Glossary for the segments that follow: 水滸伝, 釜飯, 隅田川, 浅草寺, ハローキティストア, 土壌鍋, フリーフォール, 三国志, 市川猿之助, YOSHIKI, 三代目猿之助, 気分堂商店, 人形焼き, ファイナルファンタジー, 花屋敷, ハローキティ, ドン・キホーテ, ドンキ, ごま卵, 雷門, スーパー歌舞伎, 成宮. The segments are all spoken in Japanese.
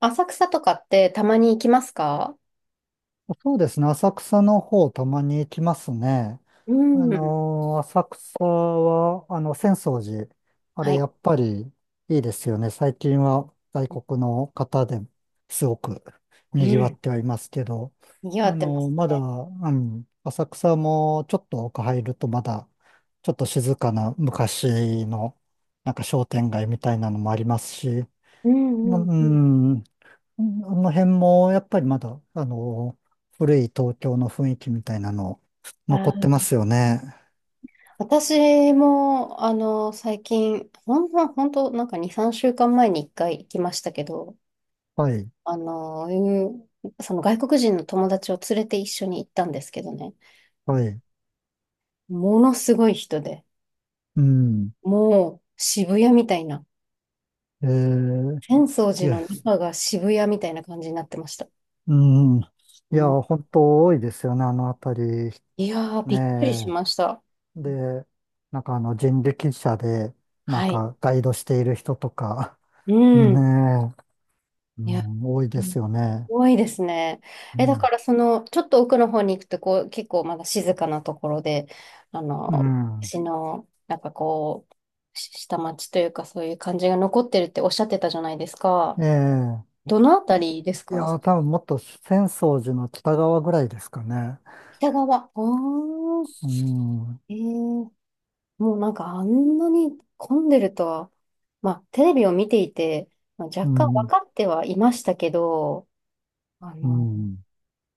浅草とかってたまに行きますか？そうですね。浅草の方、たまに行きますね。うん。浅草は、浅草寺。あはれ、い。やっぱりいいですよね。最近は外国の方ですごくう賑わっん。てはいますけど、賑わってますまだ、ね。うん、浅草もちょっと奥入るとまだ、ちょっと静かな昔の、なんか商店街みたいなのもありますし、うんううんうん。ん、うんあの辺も、やっぱりまだ、古い東京の雰囲気みたいなの、あ残ってー、ますよね。私も、最近、ほんと、なんか2、3週間前に1回行きましたけど、はい、うん、その外国人の友達を連れて一緒に行ったんですけどね、はい。ものすごい人で、うん。もう渋谷みたいな、えー、浅草い寺や、の中が渋谷みたいな感じになってました。うん。いうや、ん。本当多いですよね、あの辺り。いやー、びっくりしねました。え。で、なんか人力車で、なんはい。かガイドしている人とか、うねん。え、ういや、ん、多いうでん、すよね。多いですね。うだん。からその、ちょっと奥の方に行くと、こう、結構まだ静かなところで、うん。私の、なんかこう、下町というか、そういう感じが残ってるっておっしゃってたじゃないですか。ええ。どのあたりですいか？や、多分もっと浅草寺の北側ぐらいですかね。北側。おー、うん、えー、もうなんかあんなに混んでるとは、まあ、テレビを見ていて、まあ、う若干分ん、かってはいましたけど、あうのん、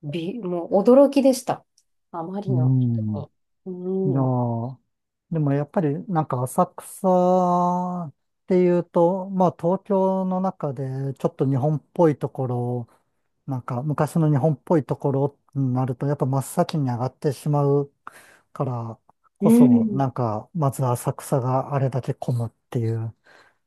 び、もう驚きでした。あまりうのん。人に。いやうん。ーでもやっぱりなんか浅草っていうと、まあ東京の中でちょっと日本っぽいところ、なんか昔の日本っぽいところになるとやっぱ真っ先に上がってしまうからうこそ、ん。なんかまず浅草があれだけ混むっていう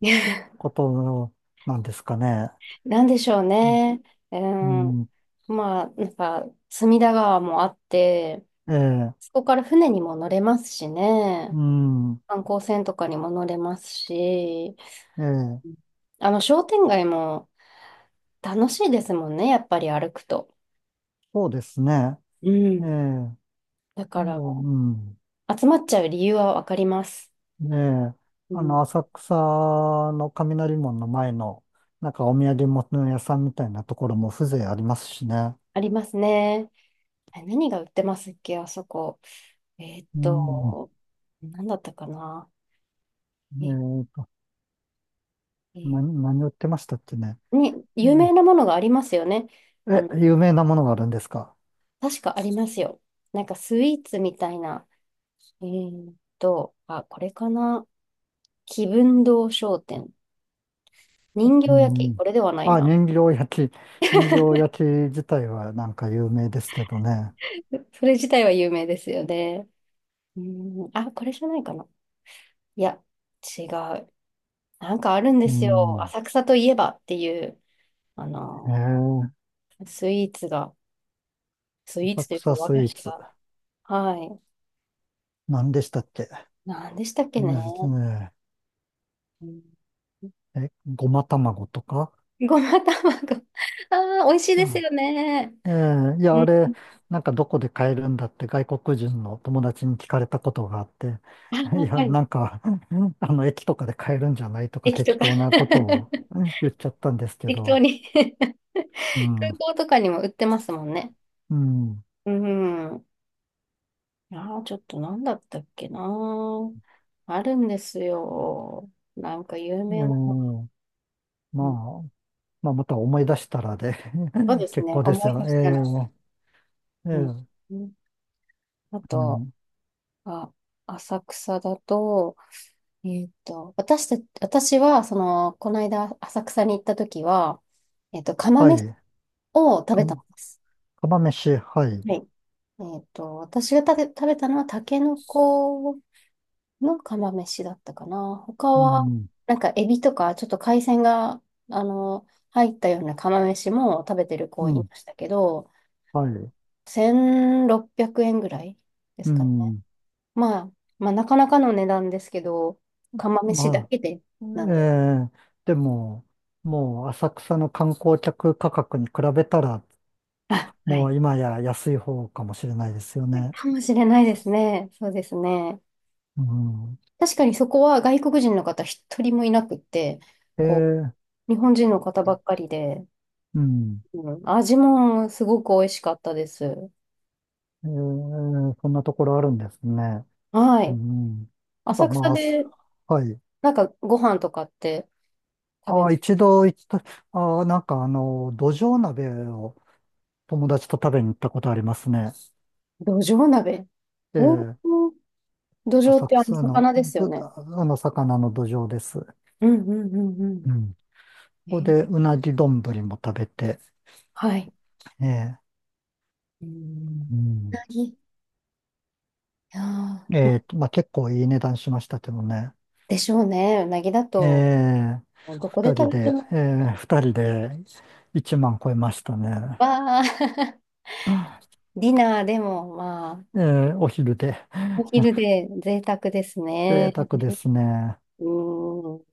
ことなんですかね。なんでしょううん、ね。うん。うんまあ、なんか、隅田川もあって、ええ、そこから船にも乗れますしね。うん、観光船とかにも乗れますし、ええ、うん、商店街も楽しいですもんね、やっぱり歩くと。そうですね。うええ、ん。だから、うん、集まっちゃう理由はわかります。ねえ、うん。浅草の雷門の前の、なんかお土産物屋さんみたいなところも風情ありますしね。ありますね。何が売ってますっけ、あそこ。えーっうん、ねと、何だったかな。え、えっと、な、え何売ってましたっけね。に、う有名ん。なものがありますよね。あの、有名なものがあるんですか？確かありますよ。なんかスイーツみたいな。あ、これかな。気分堂商店。人う形焼き、ん。これではないあ、な。人形焼き。人形焼き自体はなんか有名ですけどね。それ自体は有名ですよね。うん、あ、これじゃないかな。いや、違う。なんかあるんでうすよ。ん。浅草といえばっていう、あえの、ー、スイーツが。スイー浅ツというか草和ス菓イー子ツ。が。はい。何でしたっけ何でしたっけね。ね、ねうん、え、ごま卵とか。ごま卵。ああ、美味しいですよね。ええ、いや、うあん。れ、なんかどこで買えるんだって外国人の友達に聞かれたことがあって、あ いー、や、はい。なんか、駅とかで買えるんじゃないとか駅と適か 当なことを ね言っちゃったんですけ適当ど、に 空うん、港とかにも売ってますもんね。うん、うん。ああ、ちょっと何だったっけな。あるんですよ。なんか有ええ、名な。まうん。あ、まあ、また思い出したらで そうで す結ね。構です思いよ。出したら。ええ、えうん。え、うん。あうと、ん、あ、浅草だと、えーっと、私私は、この間、浅草に行った時は、釜は飯い、を食か、べたんです。釜飯、はい、はい。私がたけ食べたのは、タケノコの釜飯だったかな。他うは、ん、なんか、エビとか、ちょっと海鮮が、あの、入ったような釜飯も食べてるう子いまん、したけど、はい、1600円ぐらいでうすかね。ん、まあ、まあ、なかなかの値段ですけど、釜飯だまあけで、なえんで。えでも、もう浅草の観光客価格に比べたら、あ、はもい。う今や安い方かもしれないですよね。かもしれないですね。そうですね。うん。確かにそこは外国人の方一人もいなくって、こええう、日本人の方ばっかりで、うん。うん、味もすごく美味しかったです。ええそんなところあるんですね。はうい。ん。やっぱ浅草まあ、で、はい。なんかご飯とかって食ああ、べ、一度行った、ああ、なんか土壌鍋を友達と食べに行ったことありますね。どじょう鍋。おー、ええどじょうっ浅てあの草の、魚ですよど、ね。あの、魚の土壌です。うんうんうんううん。こん。こでうなぎ丼も食べて、はい。ええ、うん。ううん。なぎ。いやー、まあ、結構いい値段しましたけどね。でしょうね。うなぎだえと、え、どこで二人食べてで、も、ええ、二人で1万超えましたね。わー、ディナーでも、まあ、ええ、お昼で。お昼 で贅沢です贅ね。沢ですね。うん。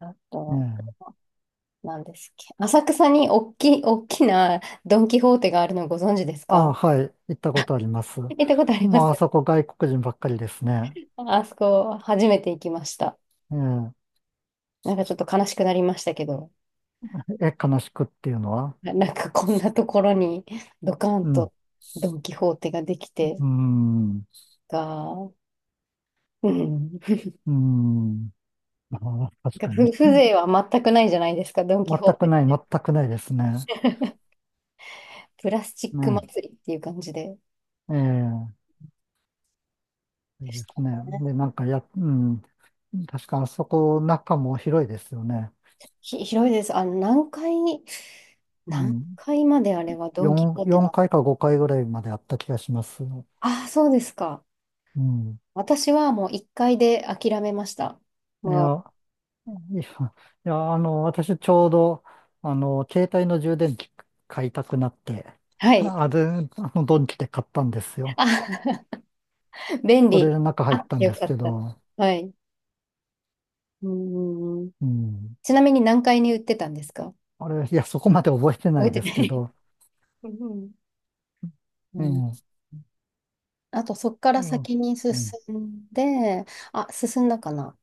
あえと、え、何ですっけ。浅草に大きなドン・キホーテがあるのご存知ですああ、か？はい。行ったことあります。行ったことありまもうあす。そこ外国人ばっかりですね。あそこ、初めて行きました。えなんかちょっと悲しくなりましたけど、え、悲しくっていうのは？なんかこんなところにドカうンん。とドン・キホーテができてうん。が、うん。うん。ああ、確なんかかに。風情は全くないじゃないですか、ドン・キ全ホーくない、テ。全くないですね。プラスチックね。祭りっていう感じで。ええいいでしでたすね。ね。で、なんかや、うん。確かあそこ中も広いですよね。広いです。何階、う何ん。階まであれはドン・キホ4、ーテ4な。回か5回ぐらいまであった気がします。ああ、そうですか。うん。私はもう1階で諦めました。いや、も いや、いや、私ちょうど、携帯の充電器買いたくなって、う、はい。あれ、ドンキで買ったんですよ。あ、便それ利。で中入っあ、たんよですかけった。ど、はい。うんん。うん。ちなみに何階に売ってたんですか？あれ、いや、そこまで覚えてな覚いえてでなすけい。ど、うんううんうん。ん。あと、そこかうらん。先に進うんんで、あ、進んだかな。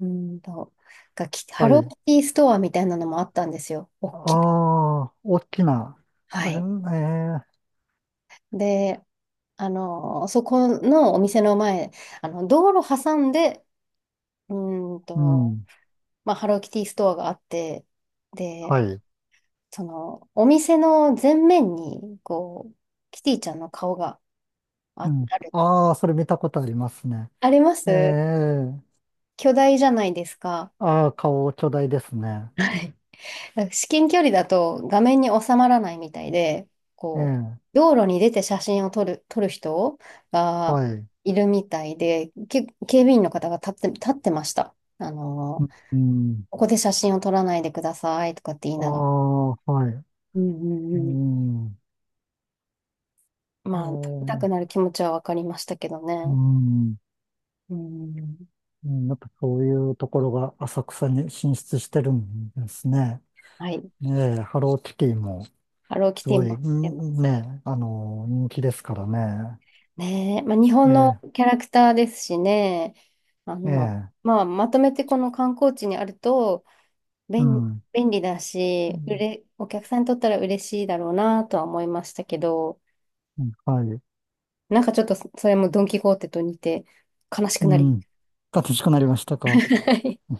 うーんと、ハはローい。キティストアみたいなのもあったんですよ。ああ、大きな。はだね、い。えー、で、そこのお店の前、道路挟んで、うーんうと、ん。まあ、ハローキティストアがあって、で、はい。その、お店の前面に、こう、キティちゃんの顔がうあ、ん。ある。ああ、それ見たことありますね。ありまえす。え巨大じゃないですか。ああー、顔巨大ですね。はい。なんか至近距離だと画面に収まらないみたいで、こう、ええ道路に出て写真を撮る人がはい。いるみたいで、警備員の方が立ってました。うん。ここで写真を撮らないでくださいとかって言いあながら。あ、はい。うんううんうん。ん。まあ、撮りたくええなる気持ちはわかりましたけどうね。ん。うん。うんやっぱそういうところが浅草に進出してるんですね。はい。ええハローキティもハローキすティごい、も来てまうんすね、人気ですからね。ね。まあ、日本のええキャラクターですしね。ええまあ、まとめてこの観光地にあると、う便、ん。便利だうし、んお客さんにとったら嬉しいだろうなとは思いましたけど、うんはい。なんかちょっとそれもドン・キホーテと似て悲しくうなり、ん。楽しくなりましたか？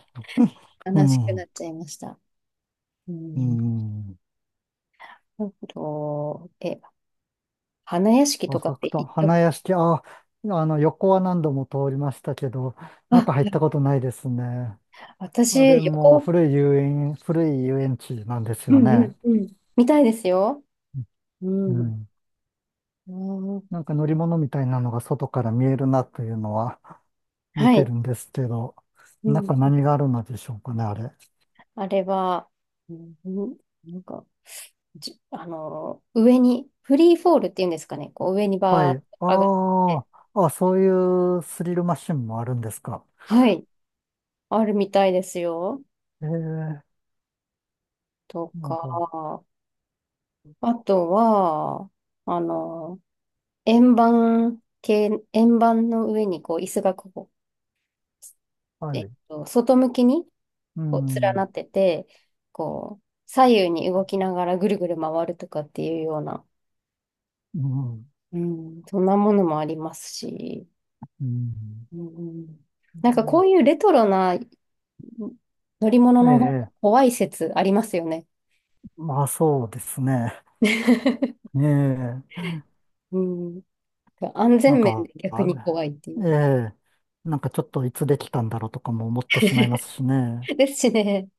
う悲しくなん。っちゃいました。ううん。ん。あと、花屋敷とか浅って草、行った、花屋敷、あ、横は何度も通りましたけど、あ、中入ったことないですね。あ私、れも横、古い遊園地なんですうよんうんね。うん、みたいですよ。ううん。ん。うん、なんか乗り物みたいなのが外から見えるなというのは見はてい。るんですけど、う中ん。何があるのでしょうかね、あれ。あれは、うん、なんか、上に、フリーフォールっていうんですかね。こう上にはバい。ーッと上がって、ああ、あ、そういうスリルマシンもあるんですか？はい、あるみたいですよ。ええとなんか、か、あとは、あの、円盤系、円盤の上にこう椅子がこはう、い。外向きにうこう連なん、ってて、こう、左右に動きながらぐるぐる回るとかっていうような、うん、うん、そんなものもありますし、うん。うん、なんかえこういうレトロな乗り物えの方がええ怖い説ありますよね。まあそうですね。ええうん。安全なん面か、で逆あに怖いってえいう。えなんかちょっといつできたんだろうとかも思ってしまいますしね。ですしね、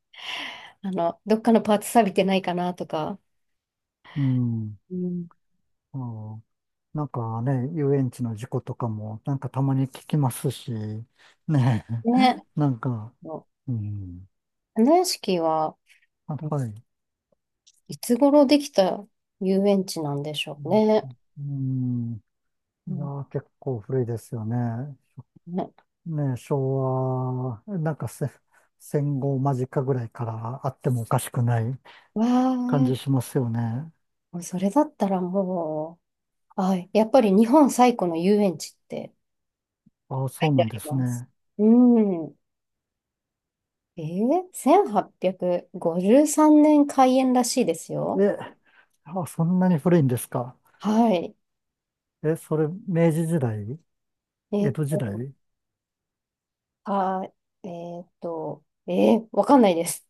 どっかのパーツ錆びてないかなとか。うん、うん。ああなんかね、遊園地の事故とかも、なんかたまに聞きますし、ねえ、ね。なんか、うん、花屋敷は、あ、うん、はい。いつ頃できた遊園地なんでしょううね。ん、うんういやん。ー、結構古いですよね。ね。ね、昭和、なんか戦後間近ぐらいからあってもおかしくないわあ、感じもしますよね。うそれだったらもう、あ、やっぱり日本最古の遊園地ってああ、書いそうてなあんでりすます。ね。うん。1853年開園らしいですよ。え、あ、そんなに古いんですか？はい。え、それ、明治時代、え江っ戸時と、代、うあ、えわかんないです。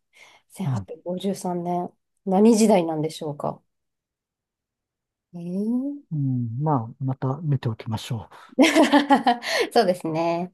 ん、1853年。何時代なんでしょうか。えー、うん、まあ、また見ておきましょう。そうですね。